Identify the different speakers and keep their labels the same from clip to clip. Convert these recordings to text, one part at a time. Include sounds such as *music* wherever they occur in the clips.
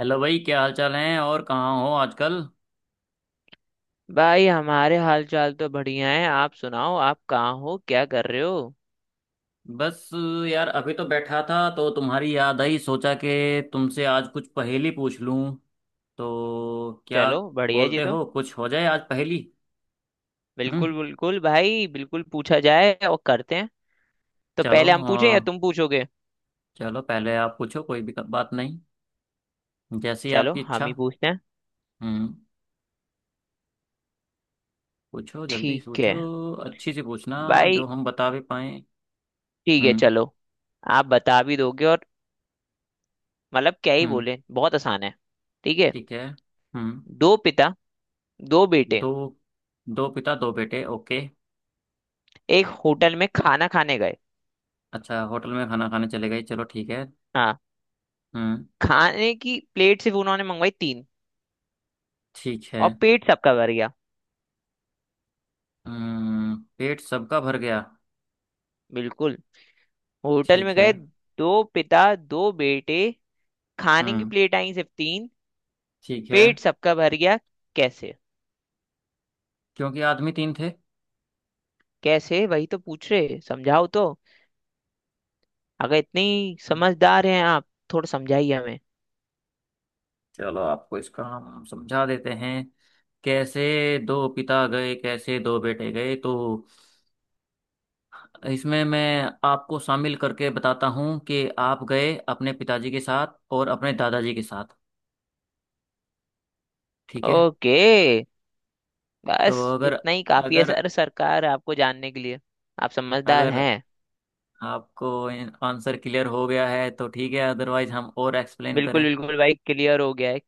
Speaker 1: Hello भाई, क्या हाल चाल है और कहाँ हो आजकल।
Speaker 2: भाई हमारे हाल चाल तो बढ़िया है। आप सुनाओ, आप कहाँ हो, क्या कर रहे हो।
Speaker 1: बस यार, अभी तो बैठा था तो तुम्हारी याद आई। सोचा कि तुमसे आज कुछ पहेली पूछ लूं, तो क्या
Speaker 2: चलो बढ़िया जी।
Speaker 1: बोलते
Speaker 2: तो
Speaker 1: हो, कुछ हो जाए आज पहेली। हम्म
Speaker 2: बिल्कुल बिल्कुल भाई, बिल्कुल पूछा जाए और करते हैं। तो
Speaker 1: चलो,
Speaker 2: पहले हम पूछें या तुम पूछोगे।
Speaker 1: चलो पहले आप पूछो, कोई भी बात नहीं, जैसी
Speaker 2: चलो
Speaker 1: आपकी
Speaker 2: हम
Speaker 1: इच्छा।
Speaker 2: ही पूछते हैं।
Speaker 1: हम्म पूछो, जल्दी
Speaker 2: ठीक है
Speaker 1: पूछो, अच्छी सी पूछना
Speaker 2: भाई।
Speaker 1: जो हम बता भी पाए।
Speaker 2: ठीक है
Speaker 1: हम्म
Speaker 2: चलो। आप बता भी दोगे और मतलब क्या ही
Speaker 1: हम्म।
Speaker 2: बोले, बहुत आसान है। ठीक है।
Speaker 1: ठीक है। हम्म।
Speaker 2: दो पिता दो बेटे
Speaker 1: दो, दो पिता दो बेटे, ओके।
Speaker 2: एक होटल में खाना खाने गए।
Speaker 1: अच्छा, होटल में खाना खाने चले गए, चलो ठीक है।
Speaker 2: हाँ।
Speaker 1: हम्म।
Speaker 2: खाने की प्लेट सिर्फ उन्होंने मंगवाई तीन,
Speaker 1: ठीक है।
Speaker 2: और पेट सबका भर गया।
Speaker 1: हम्म, पेट सबका भर गया।
Speaker 2: बिल्कुल। होटल में
Speaker 1: ठीक है।
Speaker 2: गए, दो पिता दो बेटे, खाने की
Speaker 1: हम्म।
Speaker 2: प्लेट आई सिर्फ तीन,
Speaker 1: ठीक है,
Speaker 2: पेट सबका भर गया। कैसे।
Speaker 1: क्योंकि आदमी तीन थे।
Speaker 2: कैसे, वही तो पूछ रहे, समझाओ तो। अगर इतने ही
Speaker 1: हम्म,
Speaker 2: समझदार हैं आप, थोड़ा समझाइए हमें।
Speaker 1: चलो आपको इसका हम समझा देते हैं। कैसे दो पिता गए, कैसे दो बेटे गए, तो इसमें मैं आपको शामिल करके बताता हूँ कि आप गए अपने पिताजी के साथ और अपने दादाजी के साथ। ठीक है।
Speaker 2: ओके।
Speaker 1: तो
Speaker 2: बस
Speaker 1: अगर
Speaker 2: इतना ही काफी है
Speaker 1: अगर
Speaker 2: सर सरकार आपको जानने के लिए। आप समझदार
Speaker 1: अगर
Speaker 2: हैं।
Speaker 1: आपको आंसर क्लियर हो गया है तो ठीक है, अदरवाइज हम और एक्सप्लेन
Speaker 2: बिल्कुल
Speaker 1: करें।
Speaker 2: बिल्कुल भाई, क्लियर हो गया है।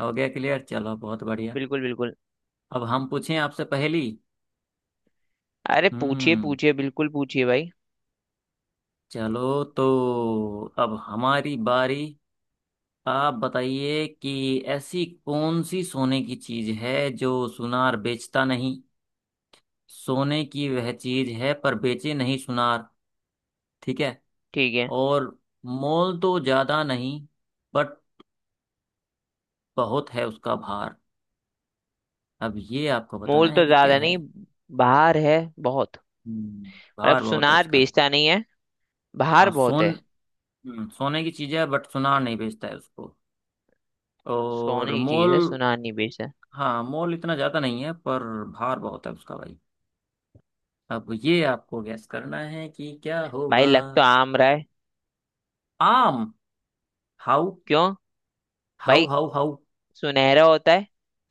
Speaker 1: हो गया क्लियर, चलो बहुत बढ़िया।
Speaker 2: बिल्कुल बिल्कुल।
Speaker 1: अब हम पूछें आपसे पहली।
Speaker 2: अरे पूछिए
Speaker 1: हम्म
Speaker 2: पूछिए, बिल्कुल पूछिए भाई।
Speaker 1: चलो तो, अब हमारी बारी। आप बताइए कि ऐसी कौन सी सोने की चीज है जो सुनार बेचता नहीं। सोने की वह चीज है पर बेचे नहीं सुनार। ठीक है।
Speaker 2: ठीक है।
Speaker 1: और मोल तो ज्यादा नहीं, बट बहुत है उसका भार। अब ये आपको बताना
Speaker 2: मोल
Speaker 1: है
Speaker 2: तो
Speaker 1: कि क्या
Speaker 2: ज्यादा
Speaker 1: है।
Speaker 2: नहीं, बहार है बहुत।
Speaker 1: हम्म,
Speaker 2: मतलब
Speaker 1: भार बहुत है
Speaker 2: सुनार
Speaker 1: उसका।
Speaker 2: बेचता नहीं है, बाहर
Speaker 1: हाँ
Speaker 2: बहुत
Speaker 1: सोन
Speaker 2: है।
Speaker 1: सोने की चीज है बट सुनार नहीं बेचता है उसको। और
Speaker 2: सोने की चीज
Speaker 1: मोल
Speaker 2: है, सुनार नहीं बेचता।
Speaker 1: हाँ, मोल इतना ज्यादा नहीं है पर भार बहुत है उसका भाई। अब ये आपको गैस करना है कि क्या
Speaker 2: भाई
Speaker 1: होगा।
Speaker 2: लग तो आम रहा है।
Speaker 1: आम? हाउ
Speaker 2: क्यों।
Speaker 1: हाउ
Speaker 2: भाई
Speaker 1: हाउ? हाउ?
Speaker 2: सुनहरा होता है,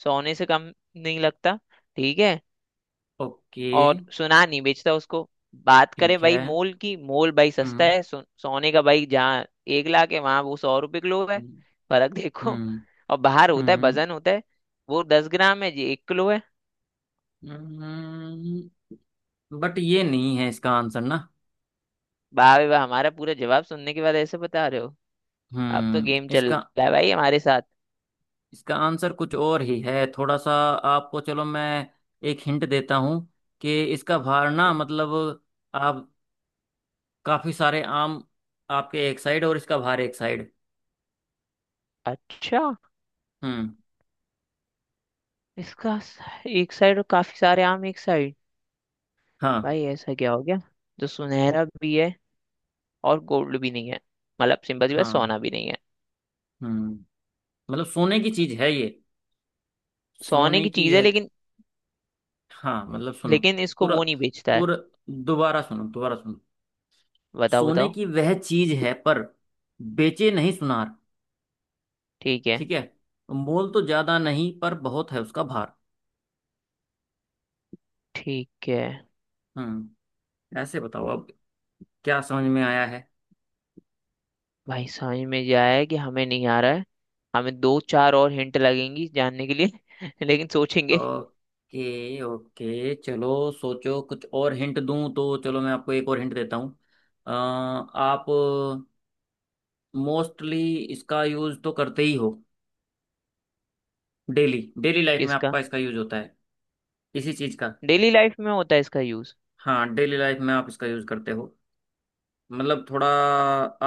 Speaker 2: सोने से कम नहीं लगता। ठीक है।
Speaker 1: ओके।
Speaker 2: और सुनार नहीं बेचता उसको। बात करें
Speaker 1: ठीक है।
Speaker 2: भाई मोल की, मोल भाई सस्ता
Speaker 1: हम्म
Speaker 2: है। सोने का भाई, जहाँ 1 लाख है वहां वो 100 रुपए किलो है।
Speaker 1: हम्म
Speaker 2: फर्क देखो।
Speaker 1: हम्म
Speaker 2: और बाहर होता है,
Speaker 1: हम्म
Speaker 2: वजन होता है, वो 10 ग्राम है जी, 1 किलो है।
Speaker 1: हम्म, बट ये नहीं है इसका आंसर ना।
Speaker 2: वाह भाई वाह, हमारा पूरा जवाब सुनने के बाद ऐसे बता रहे हो। अब तो गेम चल
Speaker 1: इसका
Speaker 2: रहा है भाई हमारे साथ।
Speaker 1: इसका आंसर कुछ और ही है थोड़ा सा। आपको चलो मैं एक हिंट देता हूं कि इसका भार ना, मतलब आप, काफी सारे आम आपके एक साइड और इसका भार एक साइड।
Speaker 2: अच्छा।
Speaker 1: हम्म।
Speaker 2: एक साइड और काफी सारे आम एक साइड।
Speaker 1: हाँ
Speaker 2: भाई ऐसा क्या हो गया जो सुनहरा भी है और गोल्ड भी नहीं है, मतलब सिंपल सी बात,
Speaker 1: हाँ
Speaker 2: सोना भी नहीं है।
Speaker 1: हम्म, मतलब सोने की चीज है ये,
Speaker 2: सोने
Speaker 1: सोने
Speaker 2: की
Speaker 1: की
Speaker 2: चीज है
Speaker 1: है
Speaker 2: लेकिन,
Speaker 1: हाँ, मतलब सुनो
Speaker 2: लेकिन इसको
Speaker 1: पूरा,
Speaker 2: वो नहीं बेचता है।
Speaker 1: पूरा, दोबारा सुनो, दोबारा सुनो।
Speaker 2: बताओ
Speaker 1: सोने
Speaker 2: बताओ।
Speaker 1: की वह चीज है पर बेचे नहीं सुनार।
Speaker 2: ठीक है।
Speaker 1: ठीक है। मोल तो ज्यादा नहीं पर बहुत है उसका भार।
Speaker 2: ठीक है
Speaker 1: हम्म, ऐसे बताओ अब, क्या समझ में आया है।
Speaker 2: भाई, समझ में जाए कि हमें नहीं आ रहा है। हमें दो चार और हिंट लगेंगी जानने के लिए *laughs* लेकिन सोचेंगे।
Speaker 1: ओके ओके, चलो सोचो, कुछ और हिंट दूं तो चलो मैं आपको एक और हिंट देता हूँ। आप मोस्टली इसका यूज तो करते ही हो, डेली डेली लाइफ में
Speaker 2: किसका।
Speaker 1: आपका इसका यूज होता है। इसी चीज का।
Speaker 2: डेली लाइफ में होता है इसका यूज।
Speaker 1: हाँ, डेली लाइफ में आप इसका यूज करते हो। मतलब थोड़ा,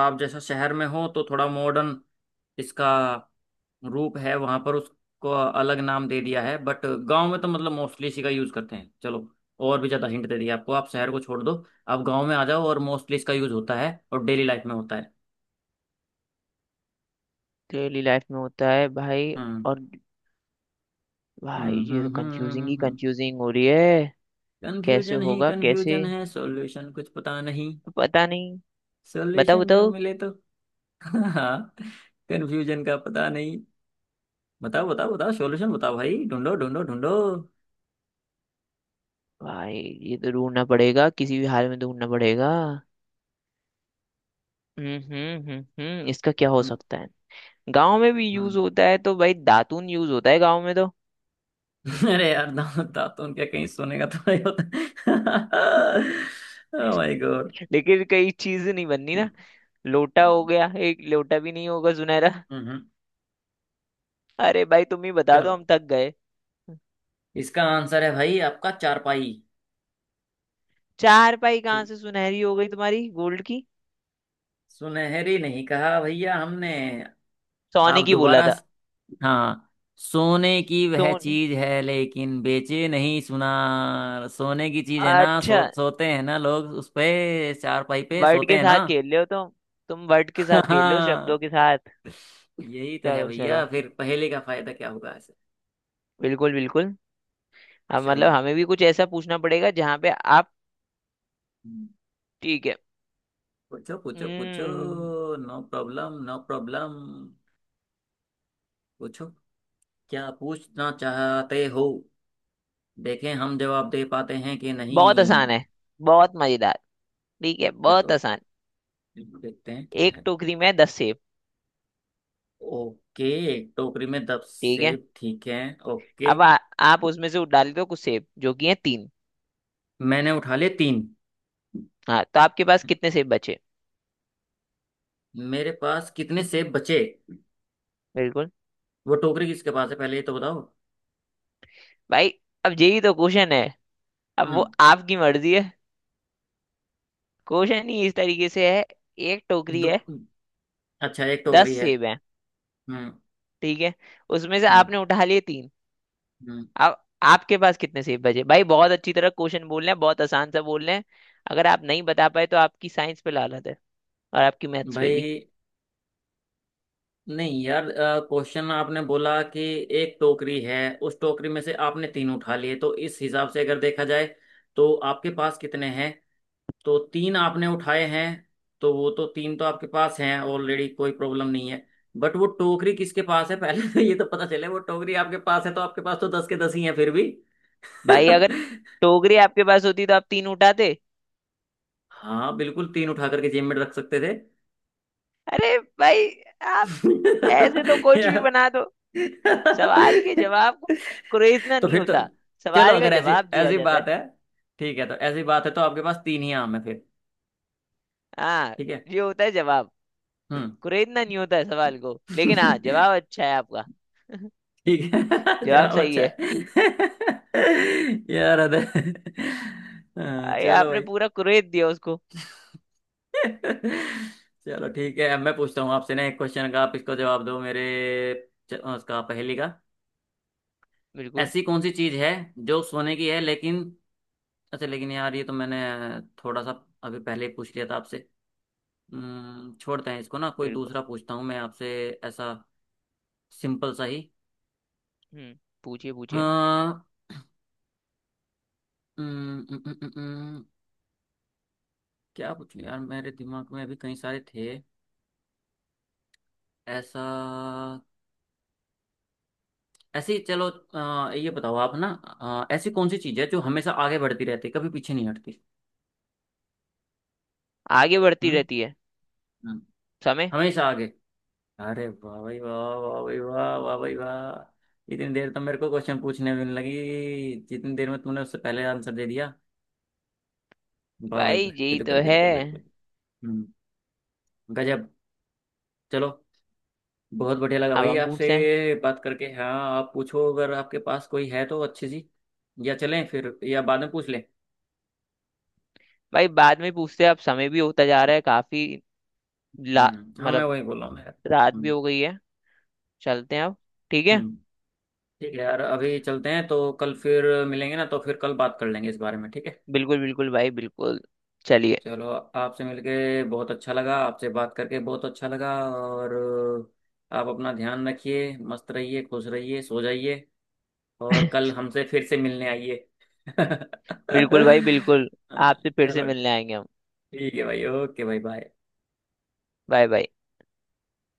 Speaker 1: आप जैसा शहर में हो तो थोड़ा मॉडर्न इसका रूप है, वहां पर उसको अलग नाम दे दिया है, बट गांव में तो मतलब मोस्टली इसी का यूज करते हैं। चलो, और भी ज्यादा हिंट दे दिया आपको। आप शहर को छोड़ दो, आप गांव में आ जाओ, और मोस्टली इसका यूज होता है और डेली लाइफ में होता है।
Speaker 2: डेली लाइफ में होता है भाई।
Speaker 1: हम्म।
Speaker 2: और भाई ये तो कंफ्यूजिंग ही
Speaker 1: हम्म
Speaker 2: कंफ्यूजिंग हो रही है। कैसे
Speaker 1: कंफ्यूजन ही
Speaker 2: होगा, कैसे
Speaker 1: कंफ्यूजन है, सॉल्यूशन कुछ पता नहीं।
Speaker 2: तो पता नहीं। बताओ
Speaker 1: सॉल्यूशन जो
Speaker 2: बताओ।
Speaker 1: मिले तो *laughs* हाँ, कंफ्यूजन का पता नहीं। बताओ बताओ बताओ, सॉल्यूशन बताओ भाई, ढूंढो ढूंढो ढूंढो।
Speaker 2: भाई ये तो ढूंढना पड़ेगा, किसी भी हाल में ढूंढना पड़ेगा। इसका क्या हो
Speaker 1: हम्म
Speaker 2: सकता है। गांव में भी यूज
Speaker 1: हम्म।
Speaker 2: होता है तो भाई दातून यूज होता है गांव में तो।
Speaker 1: *laughs* अरे यार, दांत दांत तो उनके कहीं सोने का तो नहीं होता। *laughs* ओ माय गॉड।
Speaker 2: *laughs* लेकिन कई चीज नहीं बननी ना।
Speaker 1: हम्म
Speaker 2: लोटा हो गया, एक लोटा भी नहीं होगा सुनहरा।
Speaker 1: हम्म, हम्म।
Speaker 2: अरे भाई तुम ही बता दो,
Speaker 1: चलो,
Speaker 2: हम थक गए।
Speaker 1: इसका आंसर है भाई आपका, चारपाई।
Speaker 2: चार पाई कहाँ
Speaker 1: ठीक,
Speaker 2: से सुनहरी हो गई तुम्हारी गोल्ड की।
Speaker 1: सुनहरी नहीं कहा भैया हमने। आप
Speaker 2: सोने की बोला
Speaker 1: दोबारा।
Speaker 2: था।
Speaker 1: हाँ, सोने की वह
Speaker 2: सोने।
Speaker 1: चीज है लेकिन बेचे नहीं सुना। सोने की चीज है ना,
Speaker 2: अच्छा,
Speaker 1: सोते हैं ना लोग उस पे, चारपाई पे
Speaker 2: वर्ड
Speaker 1: सोते
Speaker 2: के
Speaker 1: हैं ना।
Speaker 2: साथ खेल रहे हो तुम। तुम वर्ड के
Speaker 1: *laughs*
Speaker 2: साथ खेल रहे हो, शब्दों
Speaker 1: हाँ,
Speaker 2: के साथ।
Speaker 1: यही तो है
Speaker 2: चलो
Speaker 1: भैया,
Speaker 2: चलो,
Speaker 1: फिर पहेली का फायदा क्या होगा ऐसे।
Speaker 2: बिल्कुल बिल्कुल। हम मतलब
Speaker 1: चलो,
Speaker 2: हमें भी कुछ ऐसा पूछना पड़ेगा जहाँ पे आप। ठीक है।
Speaker 1: पूछो पूछो पूछो,
Speaker 2: हम्म।
Speaker 1: नो प्रॉब्लम नो प्रॉब्लम, पूछो, क्या पूछना चाहते हो, देखें हम जवाब दे पाते हैं कि नहीं।
Speaker 2: बहुत आसान है, बहुत मजेदार। ठीक है, बहुत
Speaker 1: चलो,
Speaker 2: आसान।
Speaker 1: देखते हैं क्या
Speaker 2: एक
Speaker 1: है।
Speaker 2: टोकरी में 10 सेब।
Speaker 1: ओके, एक टोकरी में दस
Speaker 2: ठीक है।
Speaker 1: सेब, ठीक है, ओके।
Speaker 2: अब आप उसमें से डाल दो कुछ सेब, जो कि है तीन।
Speaker 1: मैंने उठा लिए तीन।
Speaker 2: हाँ, तो आपके पास कितने सेब बचे।
Speaker 1: मेरे पास कितने सेब बचे?
Speaker 2: बिल्कुल।
Speaker 1: वो टोकरी किसके पास है, पहले ये तो बताओ।
Speaker 2: भाई अब यही तो क्वेश्चन है। अब वो
Speaker 1: हम्म।
Speaker 2: आपकी मर्जी है। क्वेश्चन ही इस तरीके से है। एक टोकरी
Speaker 1: दो-
Speaker 2: है,
Speaker 1: अच्छा, एक टोकरी
Speaker 2: दस
Speaker 1: है।
Speaker 2: सेब है
Speaker 1: हम्म
Speaker 2: ठीक है, उसमें से
Speaker 1: हम्म
Speaker 2: आपने उठा लिए तीन।
Speaker 1: हम्म
Speaker 2: अब आपके पास कितने सेब बचे। भाई बहुत अच्छी तरह क्वेश्चन बोल रहे हैं, बहुत आसान सा बोल रहे हैं। अगर आप नहीं बता पाए तो आपकी साइंस पे लानत है, और आपकी मैथ्स पे भी।
Speaker 1: भाई, नहीं यार, क्वेश्चन आपने बोला कि एक टोकरी है, उस टोकरी में से आपने तीन उठा लिए, तो इस हिसाब से अगर देखा जाए तो आपके पास कितने हैं? तो तीन आपने उठाए हैं, तो वो तो तीन तो आपके पास हैं ऑलरेडी, कोई प्रॉब्लम नहीं है। बट वो टोकरी किसके पास है? *laughs* पहले तो ये तो पता चले, वो टोकरी आपके पास है तो आपके पास तो दस के दस ही हैं फिर भी।
Speaker 2: भाई अगर
Speaker 1: *laughs*
Speaker 2: टोकरी आपके पास होती तो आप तीन उठाते।
Speaker 1: हाँ बिल्कुल, तीन उठा करके जेब में रख सकते थे।
Speaker 2: अरे भाई आप
Speaker 1: *laughs*
Speaker 2: ऐसे तो कुछ भी
Speaker 1: यार,
Speaker 2: बना दो। सवाल के जवाब को कुरेदना
Speaker 1: तो
Speaker 2: नहीं
Speaker 1: फिर तो,
Speaker 2: होता,
Speaker 1: चलो
Speaker 2: सवाल का
Speaker 1: अगर ऐसी
Speaker 2: जवाब दिया
Speaker 1: ऐसी
Speaker 2: जाता
Speaker 1: बात
Speaker 2: है।
Speaker 1: है ठीक है, तो ऐसी बात है तो आपके पास तीन ही आम है फिर।
Speaker 2: हाँ।
Speaker 1: ठीक है।
Speaker 2: ये होता है जवाब।
Speaker 1: हम्म।
Speaker 2: कुरेदना नहीं होता है सवाल को, लेकिन हाँ जवाब
Speaker 1: *laughs*
Speaker 2: अच्छा है आपका।
Speaker 1: ठीक है। *laughs*
Speaker 2: जवाब
Speaker 1: जवाब
Speaker 2: सही
Speaker 1: अच्छा
Speaker 2: है।
Speaker 1: है। *laughs* यार अदर हाँ,
Speaker 2: अरे
Speaker 1: चलो
Speaker 2: आपने
Speaker 1: भाई।
Speaker 2: पूरा कुरेद दिया उसको।
Speaker 1: *laughs* चलो ठीक है, अब मैं पूछता हूँ आपसे ना, एक क्वेश्चन का आप इसको जवाब दो मेरे, उसका पहेली का।
Speaker 2: बिल्कुल
Speaker 1: ऐसी कौन सी चीज है जो सोने की है लेकिन, अच्छा लेकिन यार ये तो मैंने थोड़ा सा अभी पहले ही पूछ लिया था आपसे। छोड़ते हैं इसको ना, कोई
Speaker 2: बिल्कुल।
Speaker 1: दूसरा पूछता हूँ मैं आपसे, ऐसा सिंपल सा ही।
Speaker 2: हम्म। पूछिए पूछिए।
Speaker 1: हाँ। हम्म, हम्म, हम्म, हम्म, हम्म, क्या पूछूं यार, मेरे दिमाग में अभी कई सारे थे। ऐसा ऐसी चलो, ये बताओ आप ना, ऐसी कौन सी चीज़ है जो हमेशा आगे बढ़ती रहती है, कभी पीछे नहीं हटती।
Speaker 2: आगे बढ़ती
Speaker 1: हम्म
Speaker 2: रहती है।
Speaker 1: हम्म,
Speaker 2: समय।
Speaker 1: हमेशा आगे, अरे वाह भाई वाह, वाह भाई वाह, वाह भाई वाह, इतनी देर तो मेरे को क्वेश्चन पूछने में लगी जितनी देर में तुमने उससे पहले आंसर दे दिया। वाह भाई
Speaker 2: भाई
Speaker 1: वाह,
Speaker 2: यही
Speaker 1: बिल्कुल
Speaker 2: तो है।
Speaker 1: बिल्कुल बिल्कुल। हम्म, गजब। चलो, बहुत बढ़िया लगा
Speaker 2: अब
Speaker 1: भाई
Speaker 2: हम
Speaker 1: आपसे
Speaker 2: पूछते हैं।
Speaker 1: बात करके, हाँ। आप पूछो अगर आपके पास कोई है तो अच्छी सी, या चलें फिर, या बाद में पूछ लें।
Speaker 2: भाई बाद में पूछते हैं, अब समय भी होता जा रहा है काफी। ला
Speaker 1: हम्म, हाँ मैं
Speaker 2: मतलब,
Speaker 1: वही बोल रहा हूँ यार।
Speaker 2: रात भी
Speaker 1: हम्म
Speaker 2: हो गई है, चलते हैं अब। ठीक है।
Speaker 1: हम्म, ठीक है यार, अभी चलते हैं तो कल फिर मिलेंगे ना, तो फिर कल बात कर लेंगे इस बारे में, ठीक है।
Speaker 2: बिल्कुल बिल्कुल भाई, बिल्कुल। चलिए।
Speaker 1: चलो, आपसे मिलके बहुत अच्छा लगा, आपसे बात करके बहुत अच्छा लगा। और आप अपना ध्यान रखिए, मस्त रहिए, खुश रहिए, सो जाइए, और
Speaker 2: *laughs*
Speaker 1: कल हमसे फिर से मिलने आइए। *laughs*
Speaker 2: बिल्कुल भाई बिल्कुल, आपसे फिर से
Speaker 1: चलो
Speaker 2: मिलने आएंगे हम।
Speaker 1: ठीक है भाई, ओके भाई, बाय।
Speaker 2: Bye bye.